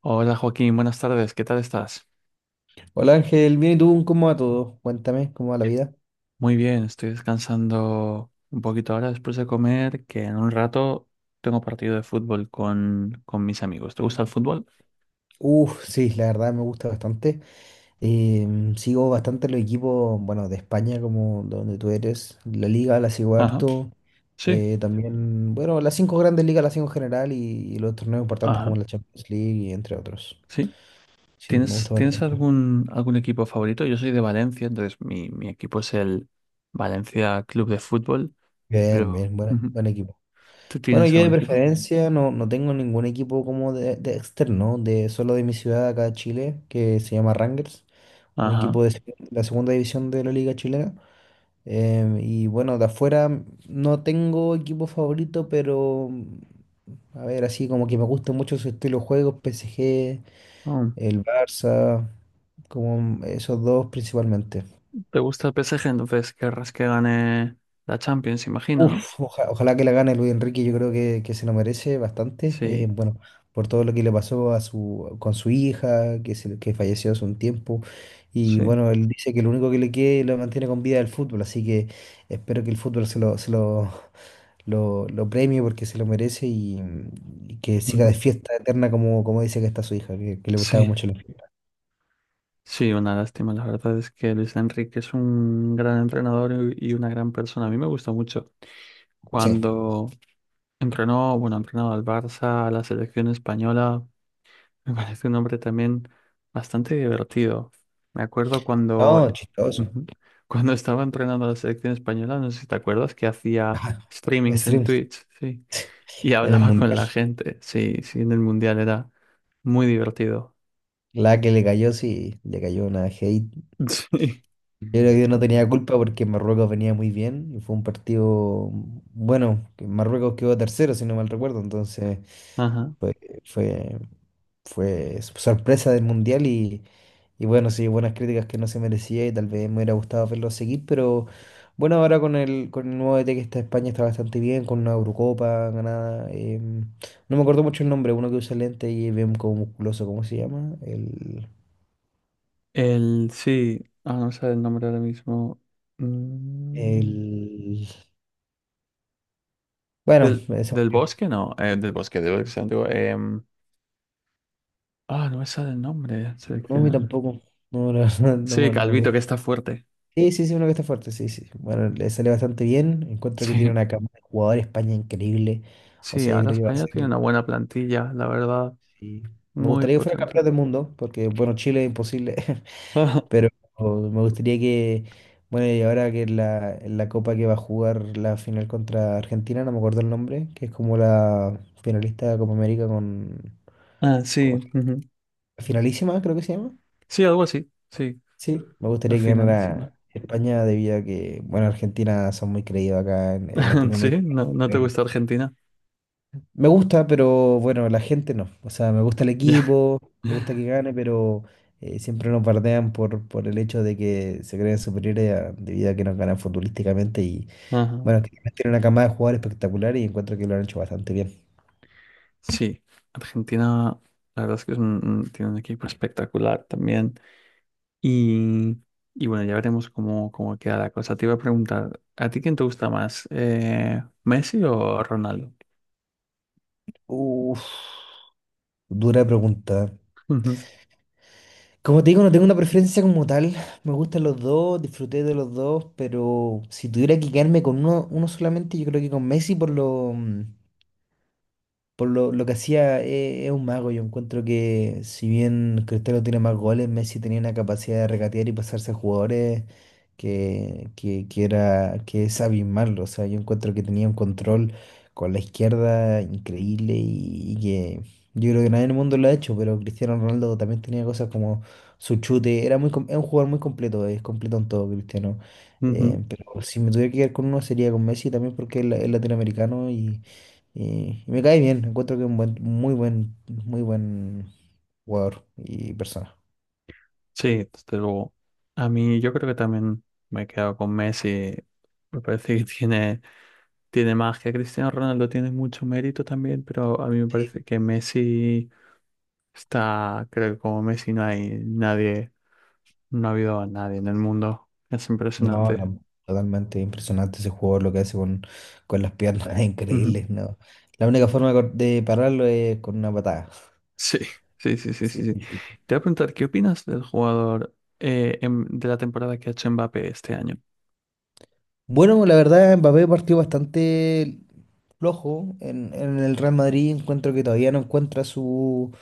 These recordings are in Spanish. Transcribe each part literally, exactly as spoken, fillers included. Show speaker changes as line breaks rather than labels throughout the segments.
Hola Joaquín, buenas tardes, ¿qué tal estás?
Hola Ángel, bien y tú, ¿cómo va todo? Cuéntame, ¿cómo va la vida?
Muy bien, estoy descansando un poquito ahora después de comer, que en un rato tengo partido de fútbol con, con mis amigos. ¿Te gusta el fútbol?
Uf, sí, la verdad me gusta bastante. Em, sigo bastante los equipos, bueno, de España, como de donde tú eres. La Liga la sigo
Ajá,
harto.
sí,
Eh, también, bueno, las cinco grandes ligas las sigo en general y, y los torneos importantes como
ajá,
la Champions League y entre otros.
sí.
Sí, me
¿Tienes,
gusta
tienes
bastante.
algún, algún equipo favorito? Yo soy de Valencia, entonces mi, mi equipo es el Valencia Club de Fútbol,
Bien,
pero
bien, buena-
ujú,
buen equipo.
¿tú
Bueno,
tienes
yo de
algún equipo?
preferencia no, no tengo ningún equipo como de, de externo, de solo de mi ciudad acá de Chile, que se llama Rangers. Un
Ajá.
equipo de la segunda división de la Liga Chilena. Em, y bueno, de afuera no tengo equipo favorito, pero a ver, así como que me gusta mucho su estilo de juego, P S G,
Oh,
el Barça, como esos dos principalmente.
¿te gusta el P S G? Entonces querrás que gane la Champions, imagino, ¿no?
Uf, oja- ojalá que la gane Luis Enrique, yo creo que, que se lo merece bastante. Eh,
Sí,
bueno, por todo lo que le pasó a su, con su hija, que, se, que falleció hace un tiempo. Y
sí.
bueno, él dice que lo único que le queda y lo mantiene con vida es el fútbol, así que espero que el fútbol se lo, se lo, lo, lo premie porque se lo merece y, y que siga de
Ujú.
fiesta eterna como, como dice que está su hija, que, que le gustaba
Sí,
mucho la fiesta.
sí, una lástima. La verdad es que Luis Enrique es un gran entrenador y y una gran persona. A mí me gustó mucho
Sí,
cuando entrenó, bueno, ha entrenado al Barça, a la selección española. Me parece un hombre también bastante divertido. Me acuerdo cuando,
no, chistoso.
ujú, cuando estaba entrenando a la selección española, no sé si te acuerdas, que hacía streamings en
Streams
Twitch, sí, y
en el
hablaba con
mundial.
la gente. Sí, sí, en el Mundial era muy divertido.
La que le cayó, sí, le cayó una hate.
Sí.
Yo creo que no tenía culpa porque Marruecos venía muy bien y fue un partido bueno, que Marruecos quedó tercero, si no mal recuerdo, entonces
Ajá.
fue, fue, fue sorpresa del Mundial y, y bueno, sí, buenas críticas que no se merecía y tal vez me hubiera gustado verlo seguir, pero bueno, ahora con el, con el nuevo D T que está en España está bastante bien, con una Eurocopa ganada, em, no me acuerdo mucho el nombre, uno que usa lente y ve como musculoso, ¿cómo se llama? El...
El, sí, ah, no sé el nombre ahora mismo. Mm,
El... Bueno,
del,
eso.
del bosque, no, eh, del bosque, de Bosque Antiguo. Em, ah, no me sale el nombre
No, a mí
seleccionado.
tampoco. No, la verdad, no,
Sí,
me no me
Calvito, que
acuerdo.
está fuerte.
Sí, sí, sí, uno que está fuerte, sí, sí. Bueno, le sale bastante bien. Encuentro que tiene
Sí,
una cama de jugadores España increíble. O
sí,
sea, yo
ahora
creo que va a
España tiene
ser.
una buena plantilla, la verdad,
Sí. Me
muy
gustaría que fuera
potente.
campeón del mundo, porque, bueno, Chile es imposible.
Ajá.
Pero me gustaría que. Bueno, y ahora que en la, en la copa que va a jugar la final contra Argentina, no me acuerdo el nombre, que es como la finalista de Copa América con.
Ah,
con-
sí, ujú.
Finalísima, creo que se llama.
Sí, algo así, sí,
Sí, me
la
gustaría que
finalísima.
ganara España debido a que, bueno, Argentina son muy creídos acá en, en
Sí,
Latinoamérica.
no, no te
Eh,
gusta Argentina.
Me gusta, pero bueno, la gente no. O sea, me gusta el
Ya.
equipo, me gusta que gane, pero eh, siempre nos bardean por, por el hecho de que se creen superiores a- debido a que nos ganan futbolísticamente. Y
Ajá.
bueno, que tiene una camada de jugadores espectacular y encuentro que lo han hecho bastante bien.
Sí, Argentina, la verdad es que es un- un- tiene un equipo espectacular también. Y, y bueno, ya veremos cómo, cómo queda la cosa. Te iba a preguntar, ¿a ti quién te gusta más? Eh, ¿Messi o Ronaldo?
Uf, dura pregunta.
Ujú,
Como te digo, no tengo una preferencia como tal. Me gustan los dos, disfruté de los dos, pero si tuviera que quedarme con uno, uno solamente, yo creo que con Messi por lo, mm, por lo, lo que hacía eh, es un mago. Yo encuentro que si bien Cristiano tiene más goles, Messi tenía una capacidad de regatear y pasarse a jugadores que, que, que era, que es abismarlo. O sea, yo encuentro que tenía un control con la izquierda increíble y, y que yo creo que nadie en el mundo lo ha hecho, pero Cristiano Ronaldo también tenía cosas como su chute. Era muy, com- es un jugador muy completo, es completo en todo, Cristiano.
ujú.
Eh, pero si me tuviera que quedar con uno sería con Messi también porque es la- es latinoamericano y, y me cae bien, encuentro que es un buen, muy buen, muy buen jugador y persona.
Sí, desde luego. A mí yo creo que también me he quedado con Messi. Me parece que tiene, tiene magia. Cristiano Ronaldo tiene mucho mérito también, pero a mí me
Sí.
parece que Messi está, creo que como Messi no hay nadie. No ha habido a nadie en el mundo. Es
No,
impresionante.
la- totalmente impresionante ese jugador, lo que hace con, con las piernas, es
Ujú.
increíble, no. La única forma de cor- de pararlo es con una patada.
Sí, sí, sí, sí, sí,
Sí,
sí.
sí, sí.
Te voy a preguntar, ¿qué opinas del jugador eh, em- de la temporada que ha hecho Mbappé este año?
Bueno, la verdad, Mbappé partió bastante flojo en, en el Real Madrid. Encuentro que todavía no encuentra su,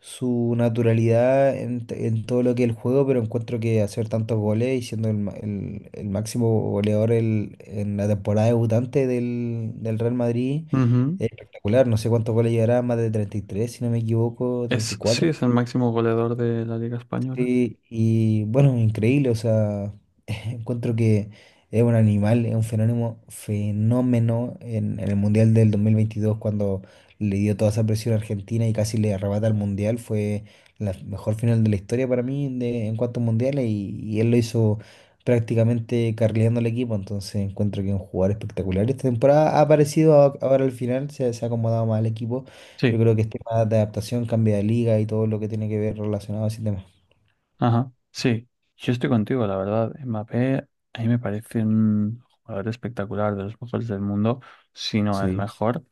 su naturalidad en, t- en todo lo que es el juego, pero encuentro que hacer tantos goles y siendo el, ma- el- el máximo goleador el- en la temporada debutante del, del Real Madrid
Ujú.
es espectacular. No sé cuántos goles llegará, más de treinta y tres, si no me equivoco,
Es,
treinta y cuatro.
sí, es el máximo goleador de la Liga Española.
Sí, y bueno, increíble, o sea. Encuentro que es un animal, es un fenómeno, fenómeno en, en el Mundial del dos mil veintidós cuando le dio toda esa presión a Argentina y casi le arrebata el Mundial. Fue la mejor final de la historia para mí de- en cuanto a mundiales y, y él lo hizo prácticamente carrileando al equipo. Entonces encuentro que es un jugador espectacular. Esta temporada ha aparecido a- ahora al final, se, se ha acomodado más al equipo. Yo
Sí,
creo que es tema de adaptación, cambio de liga y todo lo que tiene que ver relacionado a ese tema.
ajá, sí. Yo estoy contigo, la verdad. Mbappé a mí me parece un jugador espectacular, de los mejores del mundo, si no el
Sí.
mejor.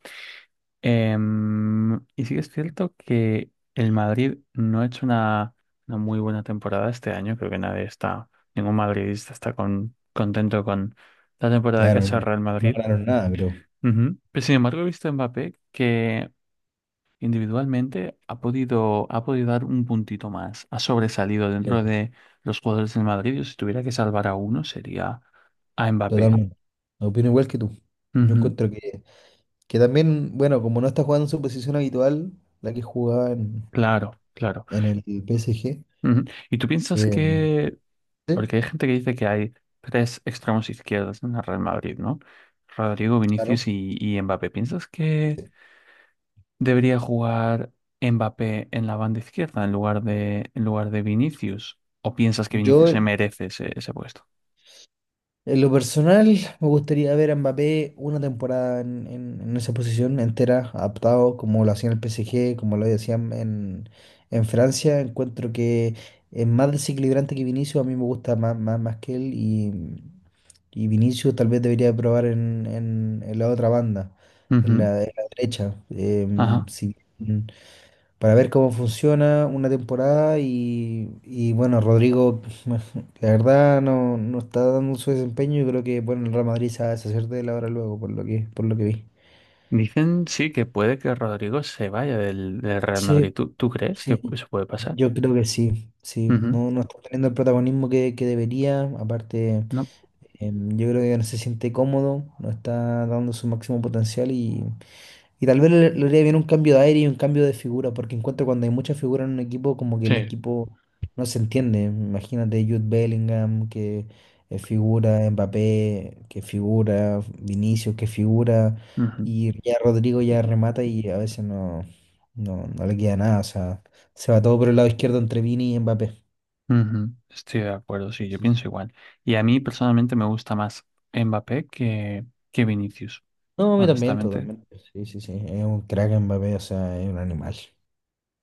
Em, y sí que es cierto que el Madrid no ha hecho una, una muy buena temporada este año. Creo que nadie está, ningún madridista está con- contento con la temporada que ha
Claro,
hecho el
no,
Real
no
Madrid.
ganaron nada, creo.
Ujú. Pero sin embargo, he visto a Mbappé que individualmente ha podido, ha podido dar un puntito más. Ha sobresalido dentro de los jugadores del Madrid. Y si tuviera que salvar a uno, sería a Mbappé.
Totalmente. Opino igual que tú. Yo
Ujú.
encuentro que, que también, bueno, como no está jugando en su posición habitual, la que jugaba en,
Claro, claro.
en el P S G,
Ujú. ¿Y tú piensas
eh,
que
sí,
porque hay gente que dice que hay tres extremos izquierdos en el Real Madrid, ¿no? Rodrigo, Vinicius
claro.
y, y Mbappé. ¿Piensas que
Sí.
debería jugar Mbappé en la banda izquierda en lugar de, en lugar de Vinicius? ¿O piensas que
Yo
Vinicius se merece ese, ese puesto?
En lo personal, me gustaría ver a Mbappé una temporada en, en- en esa posición entera, adaptado como lo hacía en el P S G, como lo hacían en, en Francia. Encuentro que es más desequilibrante que Vinicius, a mí me gusta más, más, más que él y, y Vinicius tal vez debería probar en, en- en la otra banda, en
Ujú,
la, en la derecha. Em,
ajá.
si para ver cómo funciona una temporada y, y, bueno, Rodrigo, la verdad no, no está dando su desempeño y creo que bueno, el Real Madrid se va a deshacer de él ahora luego, por lo que, por lo que vi.
Dicen sí que puede que Rodrigo se vaya del, del Real Madrid.
Sí,
¿Tú, tú crees que
sí,
eso puede pasar?
yo creo que sí, sí,
Ujú,
no, no está teniendo el protagonismo que, que debería, aparte.
¿no?
Em, yo creo que no se siente cómodo, no está dando su máximo potencial y, y tal vez le, le haría bien un cambio de aire y un cambio de figura, porque encuentro cuando hay mucha figura en un equipo, como que el
Sí.
equipo no se entiende. Imagínate Jude Bellingham, que eh, figura, Mbappé, que figura, Vinicius, que figura,
Ujú.
y ya Rodrigo ya remata y a veces no, no, no le queda nada, o sea, se va todo por el lado izquierdo entre Vini y Mbappé.
Ujú, estoy de acuerdo, sí, yo pienso igual. Y a mí personalmente me gusta más Mbappé que, que Vinicius,
No, a mí también,
honestamente.
totalmente. Sí, sí, sí. Es un crack en Mbappé, o sea, es un animal.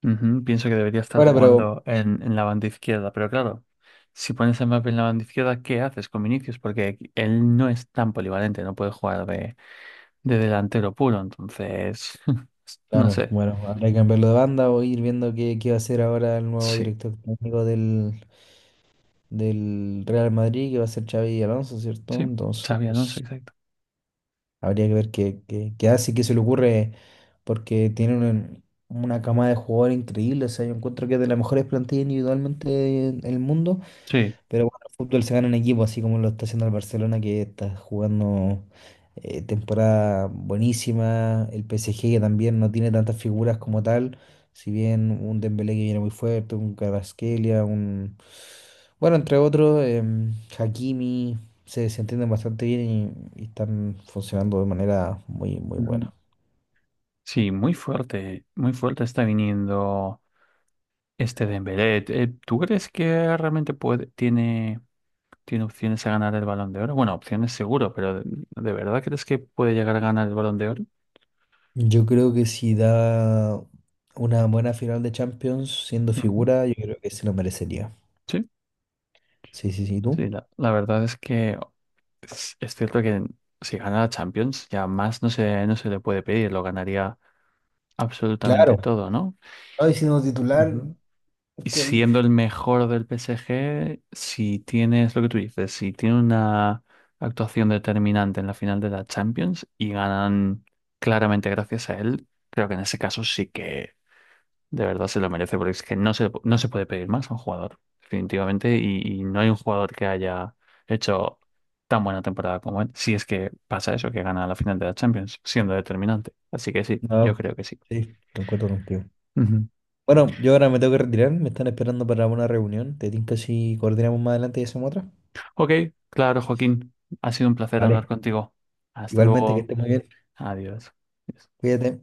Ujú, pienso que debería estar
Bueno, pero,
jugando en, en la banda izquierda, pero claro, si pones a Mbappé en la banda izquierda, ¿qué haces con Vinicius? Porque aquí- él no es tan polivalente, no puede jugar de, de delantero puro, entonces, no
claro,
sé.
bueno, habrá que cambiarlo de banda o ir viendo qué, qué va a ser ahora el nuevo
Sí,
director técnico del, del Real Madrid, que va a ser Xavi Alonso, ¿cierto?
sí, Xavi Alonso,
Entonces,
exacto.
habría que ver qué, qué, qué hace, y qué se le ocurre, porque tiene una, una cama de jugadores increíble. O sea, yo encuentro que es de las mejores plantillas individualmente del mundo.
Sí,
Pero bueno, el fútbol se gana en equipo, así como lo está haciendo el Barcelona, que está jugando eh, temporada buenísima. El P S G, que también no tiene tantas figuras como tal. Si bien un Dembélé que viene muy fuerte, un Kvaratskhelia, un... Bueno, entre otros, em, Hakimi, se, se entienden bastante bien y, y están funcionando de manera muy, muy
ujú.
buena.
Sí, muy fuerte, muy fuerte está viniendo. Este Dembélé, eh, eh, ¿tú crees que realmente puede, tiene, tiene opciones a ganar el Balón de Oro? Bueno, opciones seguro, pero ¿de, de verdad crees que puede llegar a ganar el Balón de Oro?
Yo creo que si da una buena final de Champions siendo
Ujú.
figura, yo creo que se lo merecería.
Sí,
Sí, sí, sí, ¿y tú?
sí, la, la verdad es que es, es cierto que si gana la Champions, ya más no se, no se le puede pedir, lo ganaría
Claro,
absolutamente todo, ¿no?
hoy siendo titular,
Ujú. Y
increíble.
siendo el mejor del P S G, si tienes lo que tú dices, si tiene una actuación determinante en la final de la Champions y ganan claramente gracias a él, creo que en ese caso sí que de verdad se lo merece, porque es que no se, no se puede pedir más a un jugador, definitivamente, y, y no hay un jugador que haya hecho tan buena temporada como él, si es que pasa eso, que gana la final de la Champions, siendo determinante. Así que sí, yo
No,
creo que sí.
sí, concuerdo contigo. Bueno, yo ahora me tengo que retirar, me están esperando para una reunión. Te tinca si coordinamos más adelante y hacemos otra.
Ok, claro, Joaquín. Ha sido un placer hablar
Vale.
contigo. Hasta
Igualmente que
luego.
estés muy bien.
Adiós.
Cuídate.